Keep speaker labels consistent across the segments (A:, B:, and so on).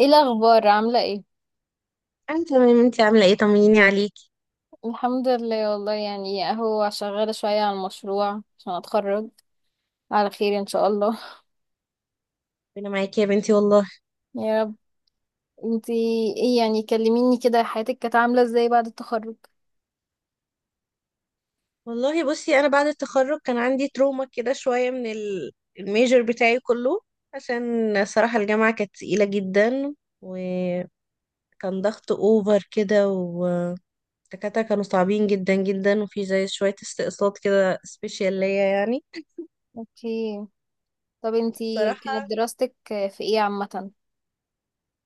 A: ايه الاخبار؟ عامله ايه؟
B: انا تمام. انتي عامله ايه؟ طمنيني عليكي.
A: الحمد لله والله، يعني اهو شغاله شويه على المشروع عشان اتخرج على خير ان شاء الله.
B: انا معاكي يا بنتي والله.
A: يا رب. انتي، ايه يعني؟ كلميني كده، حياتك كانت عامله ازاي بعد التخرج؟
B: والله، بصي، انا بعد التخرج كان عندي تروما كده شويه من الميجر بتاعي كله. عشان صراحه الجامعه كانت تقيله جدا، وكان ضغط اوفر كده، والدكاتره كانوا صعبين جدا جدا، وفي زي شويه استقصاد كده سبيشال ليا يعني.
A: اوكي. طب انتي كانت
B: صراحه
A: دراستك في ايه عامه؟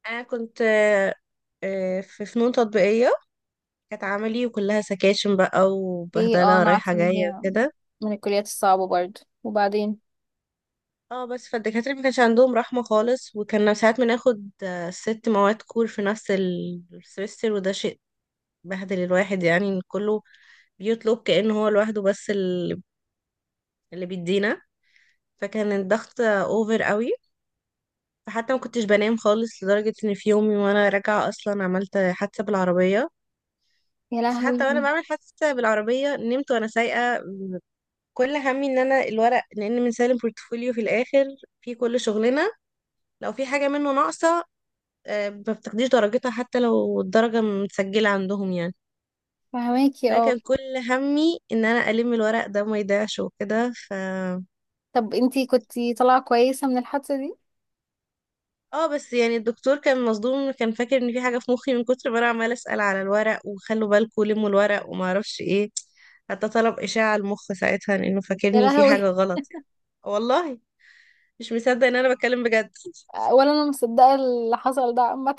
B: انا كنت في فنون تطبيقيه، كانت عملي وكلها سكاشن بقى
A: ليه اه
B: وبهدله
A: انا
B: رايحه
A: عارفه ان
B: جايه
A: هي
B: كده.
A: من الكليات الصعبه برضه، وبعدين.
B: اه، بس فالدكاترة ما كانش عندهم رحمة خالص، وكنا ساعات بناخد ست مواد كور في نفس السمستر، وده شيء بهدل الواحد يعني إن كله بيطلب كأنه هو لوحده. بس اللي بيدينا، فكان الضغط اوفر قوي. فحتى ما كنتش بنام خالص، لدرجة ان في يومي وانا راجعة اصلا عملت حادثة بالعربية.
A: يا
B: بس
A: لهوي.
B: حتى وانا بعمل حادثة بالعربية نمت وانا سايقة. كل همي ان انا الورق، لان بنسلم بورتفوليو في الاخر في كل شغلنا. لو في حاجة منه ناقصة، ما بتاخديش درجتها حتى لو الدرجة متسجلة عندهم يعني.
A: فهماكي اه.
B: فكان كل همي ان انا الم الورق ده ما يضيعش وكده.
A: طب انتي كنتي طالعه كويسه من الحادثه دي؟
B: اه، بس يعني الدكتور كان مصدوم، كان فاكر ان في حاجة في مخي من كتر ما انا عمالة اسأل على الورق وخلوا بالكم لموا الورق وما اعرفش ايه. حتى طلب اشعة المخ ساعتها لانه
A: يا
B: فاكرني في حاجة
A: لهوي.
B: غلط يعني. والله، مش مصدق ان انا بتكلم بجد.
A: ولا انا مصدقه اللي حصل ده عامه.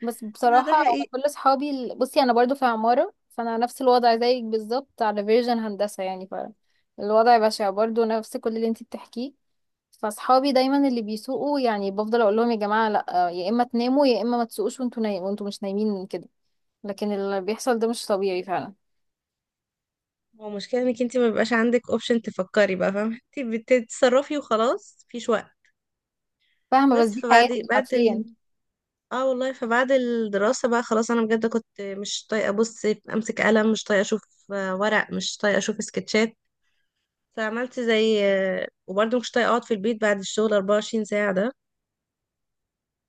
A: بس
B: لا، ده
A: بصراحة أنا
B: حقيقي.
A: كل أصحابي بصي أنا برضو في عمارة، فأنا نفس الوضع زيك بالظبط، على فيرجن هندسة يعني. فالوضع بشع برضو، نفس كل اللي انتي بتحكيه. فأصحابي دايما اللي بيسوقوا، يعني بفضل أقول لهم يا جماعة لأ، يا إما تناموا يا إما ما تسوقوش، وانتوا نايم وانتوا مش نايمين كده. لكن اللي بيحصل ده مش طبيعي فعلا.
B: هو المشكلة انك انت ما بيبقاش عندك اوبشن تفكري بقى، فاهمة؟ انت بتتصرفي وخلاص. في
A: فاهمة؟ بس
B: بس
A: دي حياتك حرفيا.
B: اه والله فبعد الدراسة بقى خلاص انا بجد كنت مش طايقة ابص، امسك قلم، مش طايقة اشوف ورق، مش طايقة اشوف سكتشات. فعملت زي وبرضه مش طايقة اقعد في البيت بعد الشغل 24 ساعة ده.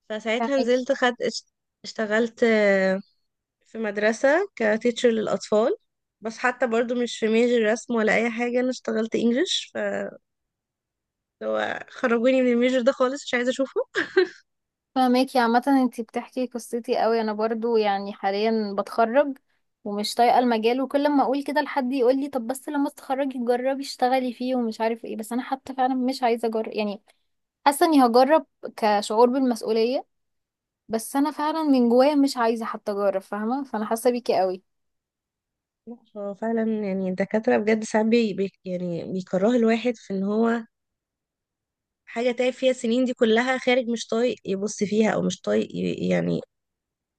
B: فساعتها
A: فاهمك.
B: نزلت اشتغلت في مدرسة كتيتشر للأطفال. بس حتى برضو مش في ميجر رسم ولا أي حاجة، أنا اشتغلت انجلش. فخرجوني من الميجر ده خالص، مش عايزة أشوفه.
A: فاهماكي. عامة انتي بتحكي قصتي قوي، انا برضو يعني حاليا بتخرج، ومش طايقة المجال، وكل ما اقول كده لحد يقول لي طب بس لما تتخرجي جربي اشتغلي فيه ومش عارف ايه، بس انا حتى فعلا مش عايزة اجرب يعني. حاسة اني هجرب كشعور بالمسؤولية، بس انا فعلا من جوايا مش عايزة حتى اجرب، فاهمة؟ فانا حاسة بيكي قوي.
B: لا، هو فعلا يعني الدكاترة بجد ساعات يعني بيكره الواحد في ان هو حاجة تعب فيها السنين دي كلها خارج، مش طايق يبص فيها او مش طايق يعني.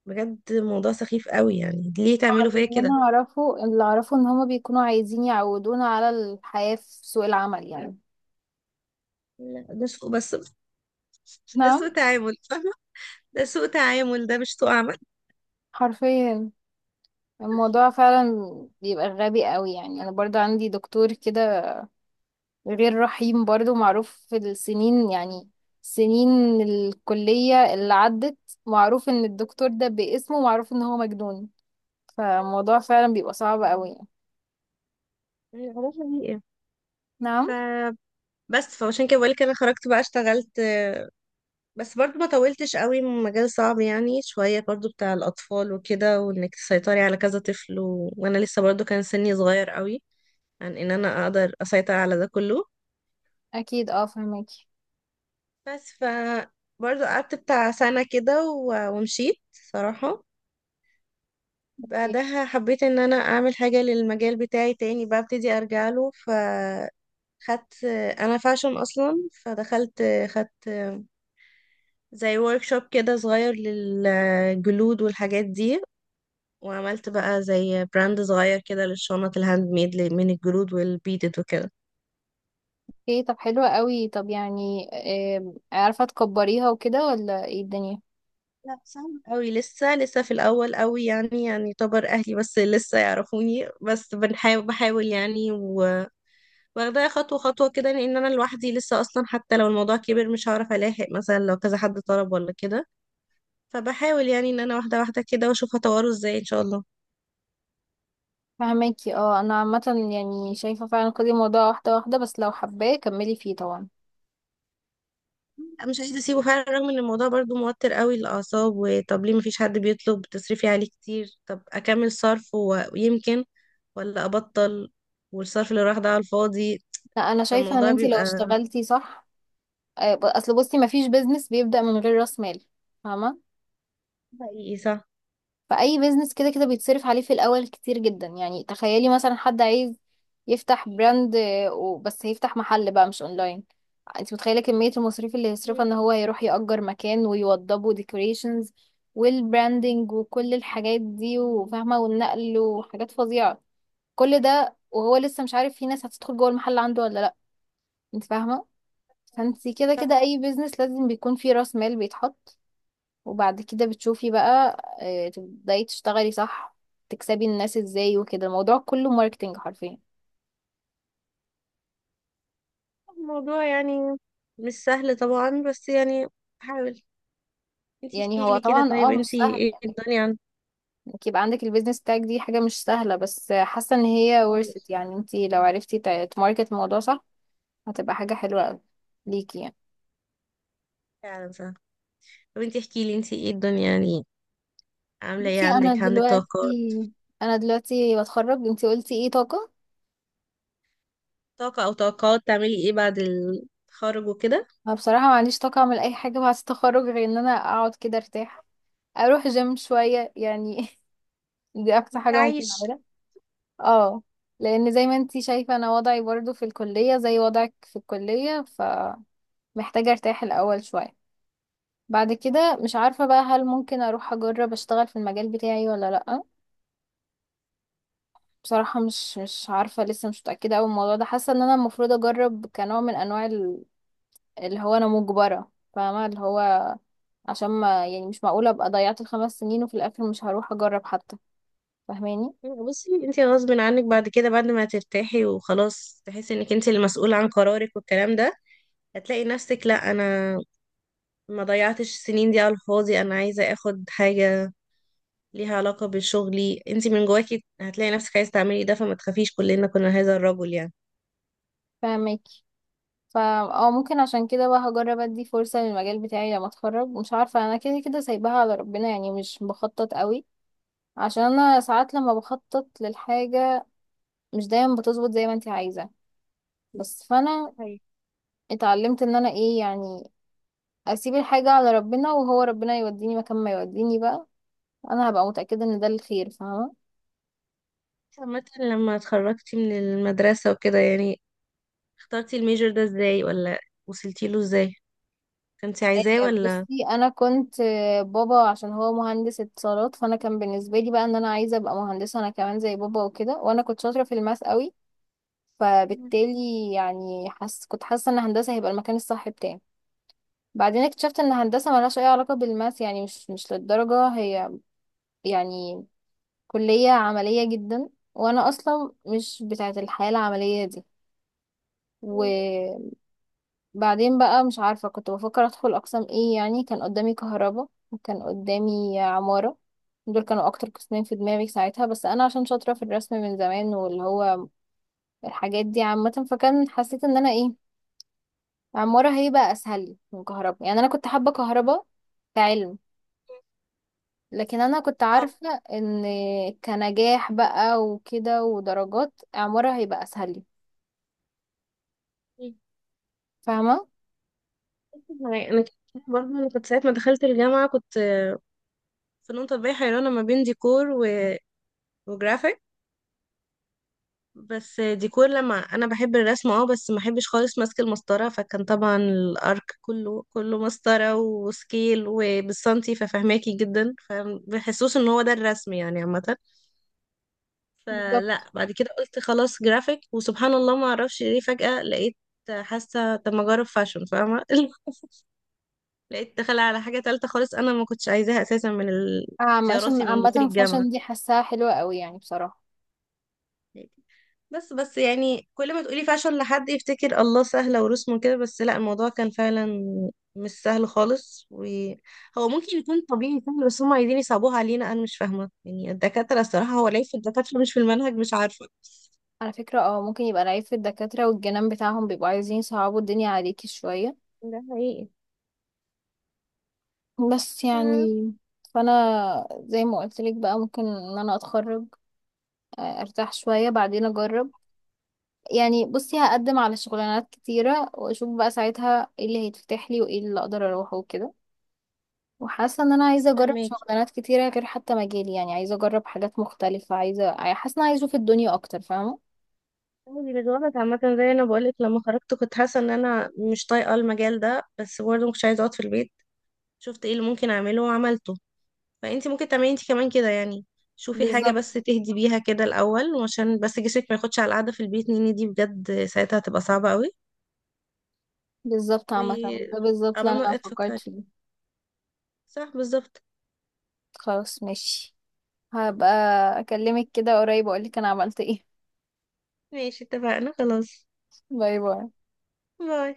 B: بجد موضوع سخيف قوي. يعني ليه تعملوا فيا
A: اللي
B: كده؟
A: انا اعرفه، اللي اعرفه ان هما بيكونوا عايزين يعودونا على الحياة في سوق العمل يعني.
B: لا، ده سوء بس. ده
A: نعم.
B: سوء تعامل، فاهمة؟ ده سوء تعامل، ده مش سوء عمل.
A: حرفيا. الموضوع فعلا بيبقى غبي قوي، يعني انا برضو عندي دكتور كده غير رحيم برضو، معروف في السنين يعني، سنين الكلية اللي عدت، معروف ان الدكتور ده باسمه، معروف ان هو مجنون. فالموضوع فعلا بيبقى صعب قوي يعني.
B: يعني خلاص دي ايه.
A: نعم.
B: فبس، فعشان كده بقولك انا خرجت بقى اشتغلت. بس برضو ما طولتش قوي، مجال صعب يعني شوية برضو بتاع الأطفال وكده، وإنك تسيطري على كذا طفل وأنا لسه برضو كان سني صغير قوي عن إن أنا أقدر أسيطر على ده كله.
A: اكيد اه، فهماكي.
B: بس برضو قعدت بتاع سنة كده ومشيت صراحة.
A: اوكي.
B: بعدها حبيت إن أنا أعمل حاجة للمجال بتاعي تاني، بقى ابتدي أرجع له. خدت أنا فاشن أصلا. فدخلت. خدت زي ورك شوب كده صغير للجلود والحاجات دي. وعملت بقى زي براند صغير كده للشنط الهاند ميد من الجلود والبيدد وكده.
A: أوكي، طب حلوة قوي. طب يعني عارفة تكبريها وكده ولا ايه الدنيا؟
B: لا، صعب قوي لسه لسه في الاول قوي يعني يعتبر اهلي بس لسه يعرفوني، بس بحاول يعني. واخداها خطوه خطوه كده، لان انا لوحدي لسه اصلا. حتى لو الموضوع كبر مش هعرف الاحق، مثلا لو كذا حد طلب ولا كده. فبحاول يعني ان انا واحده واحده كده، واشوف هطوره ازاي ان شاء الله.
A: فهماكي اه. انا عامة يعني شايفة فعلا كل الموضوع واحدة واحدة، بس لو حباه كملي فيه طبعا.
B: مش عايزة اسيبه فعلا، رغم ان الموضوع برضو موتر قوي للأعصاب. وطب ليه مفيش حد بيطلب، تصرفي عليه كتير، طب اكمل صرف ويمكن ولا ابطل؟ والصرف اللي راح ده على الفاضي.
A: لا، انا شايفه ان
B: فالموضوع
A: انتي لو
B: بيبقى...
A: اشتغلتي صح اصل بصي، مفيش بيزنس بيبدا من غير راس مال، فاهمه؟
B: حقيقي، صح.
A: فاي بيزنس كده كده بيتصرف عليه في الاول كتير جدا، يعني تخيلي مثلا حد عايز يفتح براند بس هيفتح محل بقى مش اونلاين، انت متخيله كميه المصاريف اللي هيصرفها،
B: مم.
A: ان هو يروح يأجر مكان ويوضبه ديكوريشنز والبراندنج وكل الحاجات دي وفاهمه، والنقل وحاجات فظيعه. كل ده وهو لسه مش عارف في ناس هتدخل جوه المحل عنده ولا لا. انت فاهمه؟ فانتي كده
B: صح.
A: كده اي بيزنس لازم بيكون فيه راس مال بيتحط، وبعد كده بتشوفي بقى، تبداي تشتغلي صح، تكسبي الناس ازاي وكده. الموضوع كله ماركتينج حرفيا.
B: الموضوع يعني مش سهل طبعا، بس يعني حاول. انتي
A: يعني
B: احكي
A: هو
B: لي كده،
A: طبعا
B: طيب
A: اه، مش
B: انتي
A: سهل
B: ايه
A: يعني،
B: الدنيا عندك؟
A: انك يبقى عندك البيزنس بتاعك، دي حاجة مش سهلة، بس حاسة ان هي worth it.
B: خالص.
A: يعني انتي لو عرفتي تماركت الموضوع صح، هتبقى حاجة حلوة قوي ليكي يعني.
B: فعلا صح. طب انتي احكي لي، انتي ايه الدنيا يعني، عاملة ايه؟
A: بصي انا
B: عندك
A: دلوقتي
B: طاقات؟
A: انا دلوقتي بتخرج، انتي قلتي ايه، طاقة؟
B: طاقة او طاقات؟ تعملي ايه بعد التخرج وكده.
A: انا بصراحة ما عنديش طاقة اعمل اي حاجة بعد التخرج، غير ان انا اقعد كده ارتاح، اروح جيم شوية يعني. دي اقصى حاجة ممكن
B: عايش.
A: اعملها. اه، لان زي ما انتي شايفة انا وضعي برضو في الكلية زي وضعك في الكلية، فمحتاجة ارتاح الاول شوية. بعد كده مش عارفة بقى، هل ممكن اروح اجرب اشتغل في المجال بتاعي ولا لأ؟ بصراحة مش عارفة، لسه مش متأكدة اوي من الموضوع ده. حاسة ان انا المفروض اجرب كنوع من انواع اللي هو انا مجبرة، فاهمة؟ اللي هو عشان ما يعني، مش معقولة ابقى ضيعت الـ 5 سنين وفي الاخر مش هروح اجرب حتى، فاهماني؟
B: بصي، انت غصب عنك بعد كده، بعد ما ترتاحي وخلاص تحسي انك انت المسؤولة عن قرارك والكلام ده، هتلاقي نفسك: لا، انا ما ضيعتش السنين دي على الفاضي، انا عايزة اخد حاجة ليها علاقة بشغلي. انت من جواكي هتلاقي نفسك عايزة تعملي ده، فما تخافيش، كلنا كنا هذا الرجل يعني.
A: فاهمك. فا اه ممكن عشان كده بقى هجرب ادي فرصة للمجال بتاعي لما اتخرج. مش عارفة، انا كده كده سايباها على ربنا يعني، مش بخطط قوي، عشان انا ساعات لما بخطط للحاجة مش دايما بتظبط زي ما انت عايزة. بس فانا
B: صحيح.
A: اتعلمت ان انا ايه يعني، اسيب الحاجة على ربنا، وهو ربنا يوديني مكان ما يوديني بقى، انا هبقى متأكدة ان ده الخير، فاهمة؟
B: عامة لما اتخرجتي من المدرسة وكده يعني، اخترتي الميجر ده ازاي ولا وصلتي له ازاي؟ كنتي عايزاه
A: إيه، بصي
B: ولا؟
A: انا كنت بابا عشان هو مهندس اتصالات، فانا كان بالنسبه لي بقى ان انا عايزه ابقى مهندسه انا كمان زي بابا وكده، وانا كنت شاطره في الماس قوي، فبالتالي يعني كنت حاسة ان هندسة هيبقى المكان الصح بتاعي. بعدين اكتشفت ان هندسة ملهاش اي علاقة بالماس يعني، مش للدرجة. هي يعني كلية عملية جدا، وانا اصلا مش بتاعة الحياة العملية دي.
B: مم.
A: وبعدين بقى مش عارفة كنت بفكر ادخل اقسام ايه يعني، كان قدامي كهرباء وكان قدامي عمارة، دول كانوا اكتر قسمين في دماغي ساعتها. بس انا عشان شاطرة في الرسم من زمان واللي هو الحاجات دي عامة، فكان حسيت ان انا ايه، عمارة هيبقى أسهل لي من كهرباء، يعني أنا كنت حابة كهرباء كعلم، لكن أنا كنت
B: اه،
A: عارفة إن كنجاح بقى وكده ودرجات، عمارة هيبقى أسهل لي، فاهمة؟
B: يعني برضه انا كنت ساعه ما دخلت الجامعه كنت فنون تطبيقيه حيرانه ما بين ديكور وجرافيك. بس ديكور، لما انا بحب الرسم اه بس ما بحبش خالص ماسك المسطره، فكان طبعا الارك كله كله مسطره وسكيل وبالسنتي ففهماكي جدا، فبحسوش ان هو ده الرسم يعني عامه. فلا
A: بالظبط.
B: بعد كده قلت خلاص جرافيك، وسبحان الله ما اعرفش ليه فجاه لقيت حاسه طب ما اجرب فاشن، فاهمه؟ لقيت دخل على حاجة تالتة خالص، أنا ما كنتش عايزاها أساسا من
A: عشان
B: اختياراتي من دخول
A: عامة
B: الجامعة.
A: فاشن دي حاساها حلوة قوي يعني، بصراحة.
B: بس بس يعني كل ما تقولي فاشل لحد يفتكر الله سهلة ورسمه كده، بس لا الموضوع كان فعلا مش سهل خالص. وهو ممكن يكون طبيعي سهل بس هم عايزين يصعبوها علينا. أنا مش فاهمة يعني الدكاترة، الصراحة هو ليه في الدكاترة مش في المنهج، مش عارفة.
A: على فكرة اه، ممكن يبقى العيب في الدكاترة والجنان بتاعهم، بيبقوا عايزين يصعبوا الدنيا عليكي شوية،
B: ده حقيقي.
A: بس يعني.
B: آه،
A: فأنا زي ما قلت لك بقى، ممكن إن أنا أتخرج، أرتاح شوية بعدين أجرب. يعني بصي هقدم على شغلانات كتيرة واشوف بقى ساعتها ايه اللي هيتفتح لي وايه اللي اقدر اروحه وكده، وحاسة ان انا
B: بس
A: عايزة اجرب
B: فهماكي.
A: شغلانات كتيرة غير حتى مجالي، يعني عايزة اجرب حاجات مختلفة، عايزة، حاسة ان أنا عايزة اشوف الدنيا اكتر، فاهمة؟
B: عادي بالوقت عامة، زي أنا بقولك، لما خرجت كنت حاسة إن أنا مش طايقة المجال ده، بس برضه مكنتش عايزة أقعد في البيت. شفت ايه اللي ممكن اعمله وعملته. فانت ممكن تعملي انت كمان كده يعني. شوفي حاجة
A: بالظبط.
B: بس تهدي بيها كده الأول، وعشان بس جسمك ما ياخدش على القعدة في البيت نيني دي، بجد ساعتها هتبقى صعبة قوي.
A: بالظبط.
B: و
A: عامة ده بالظبط
B: قبل
A: اللي انا
B: ما
A: فكرت
B: تفكري،
A: فيه.
B: صح بالظبط.
A: خلاص، ماشي، هبقى اكلمك كده قريب واقولك انا عملت ايه.
B: ماشي اتفقنا خلاص.
A: باي باي.
B: باي.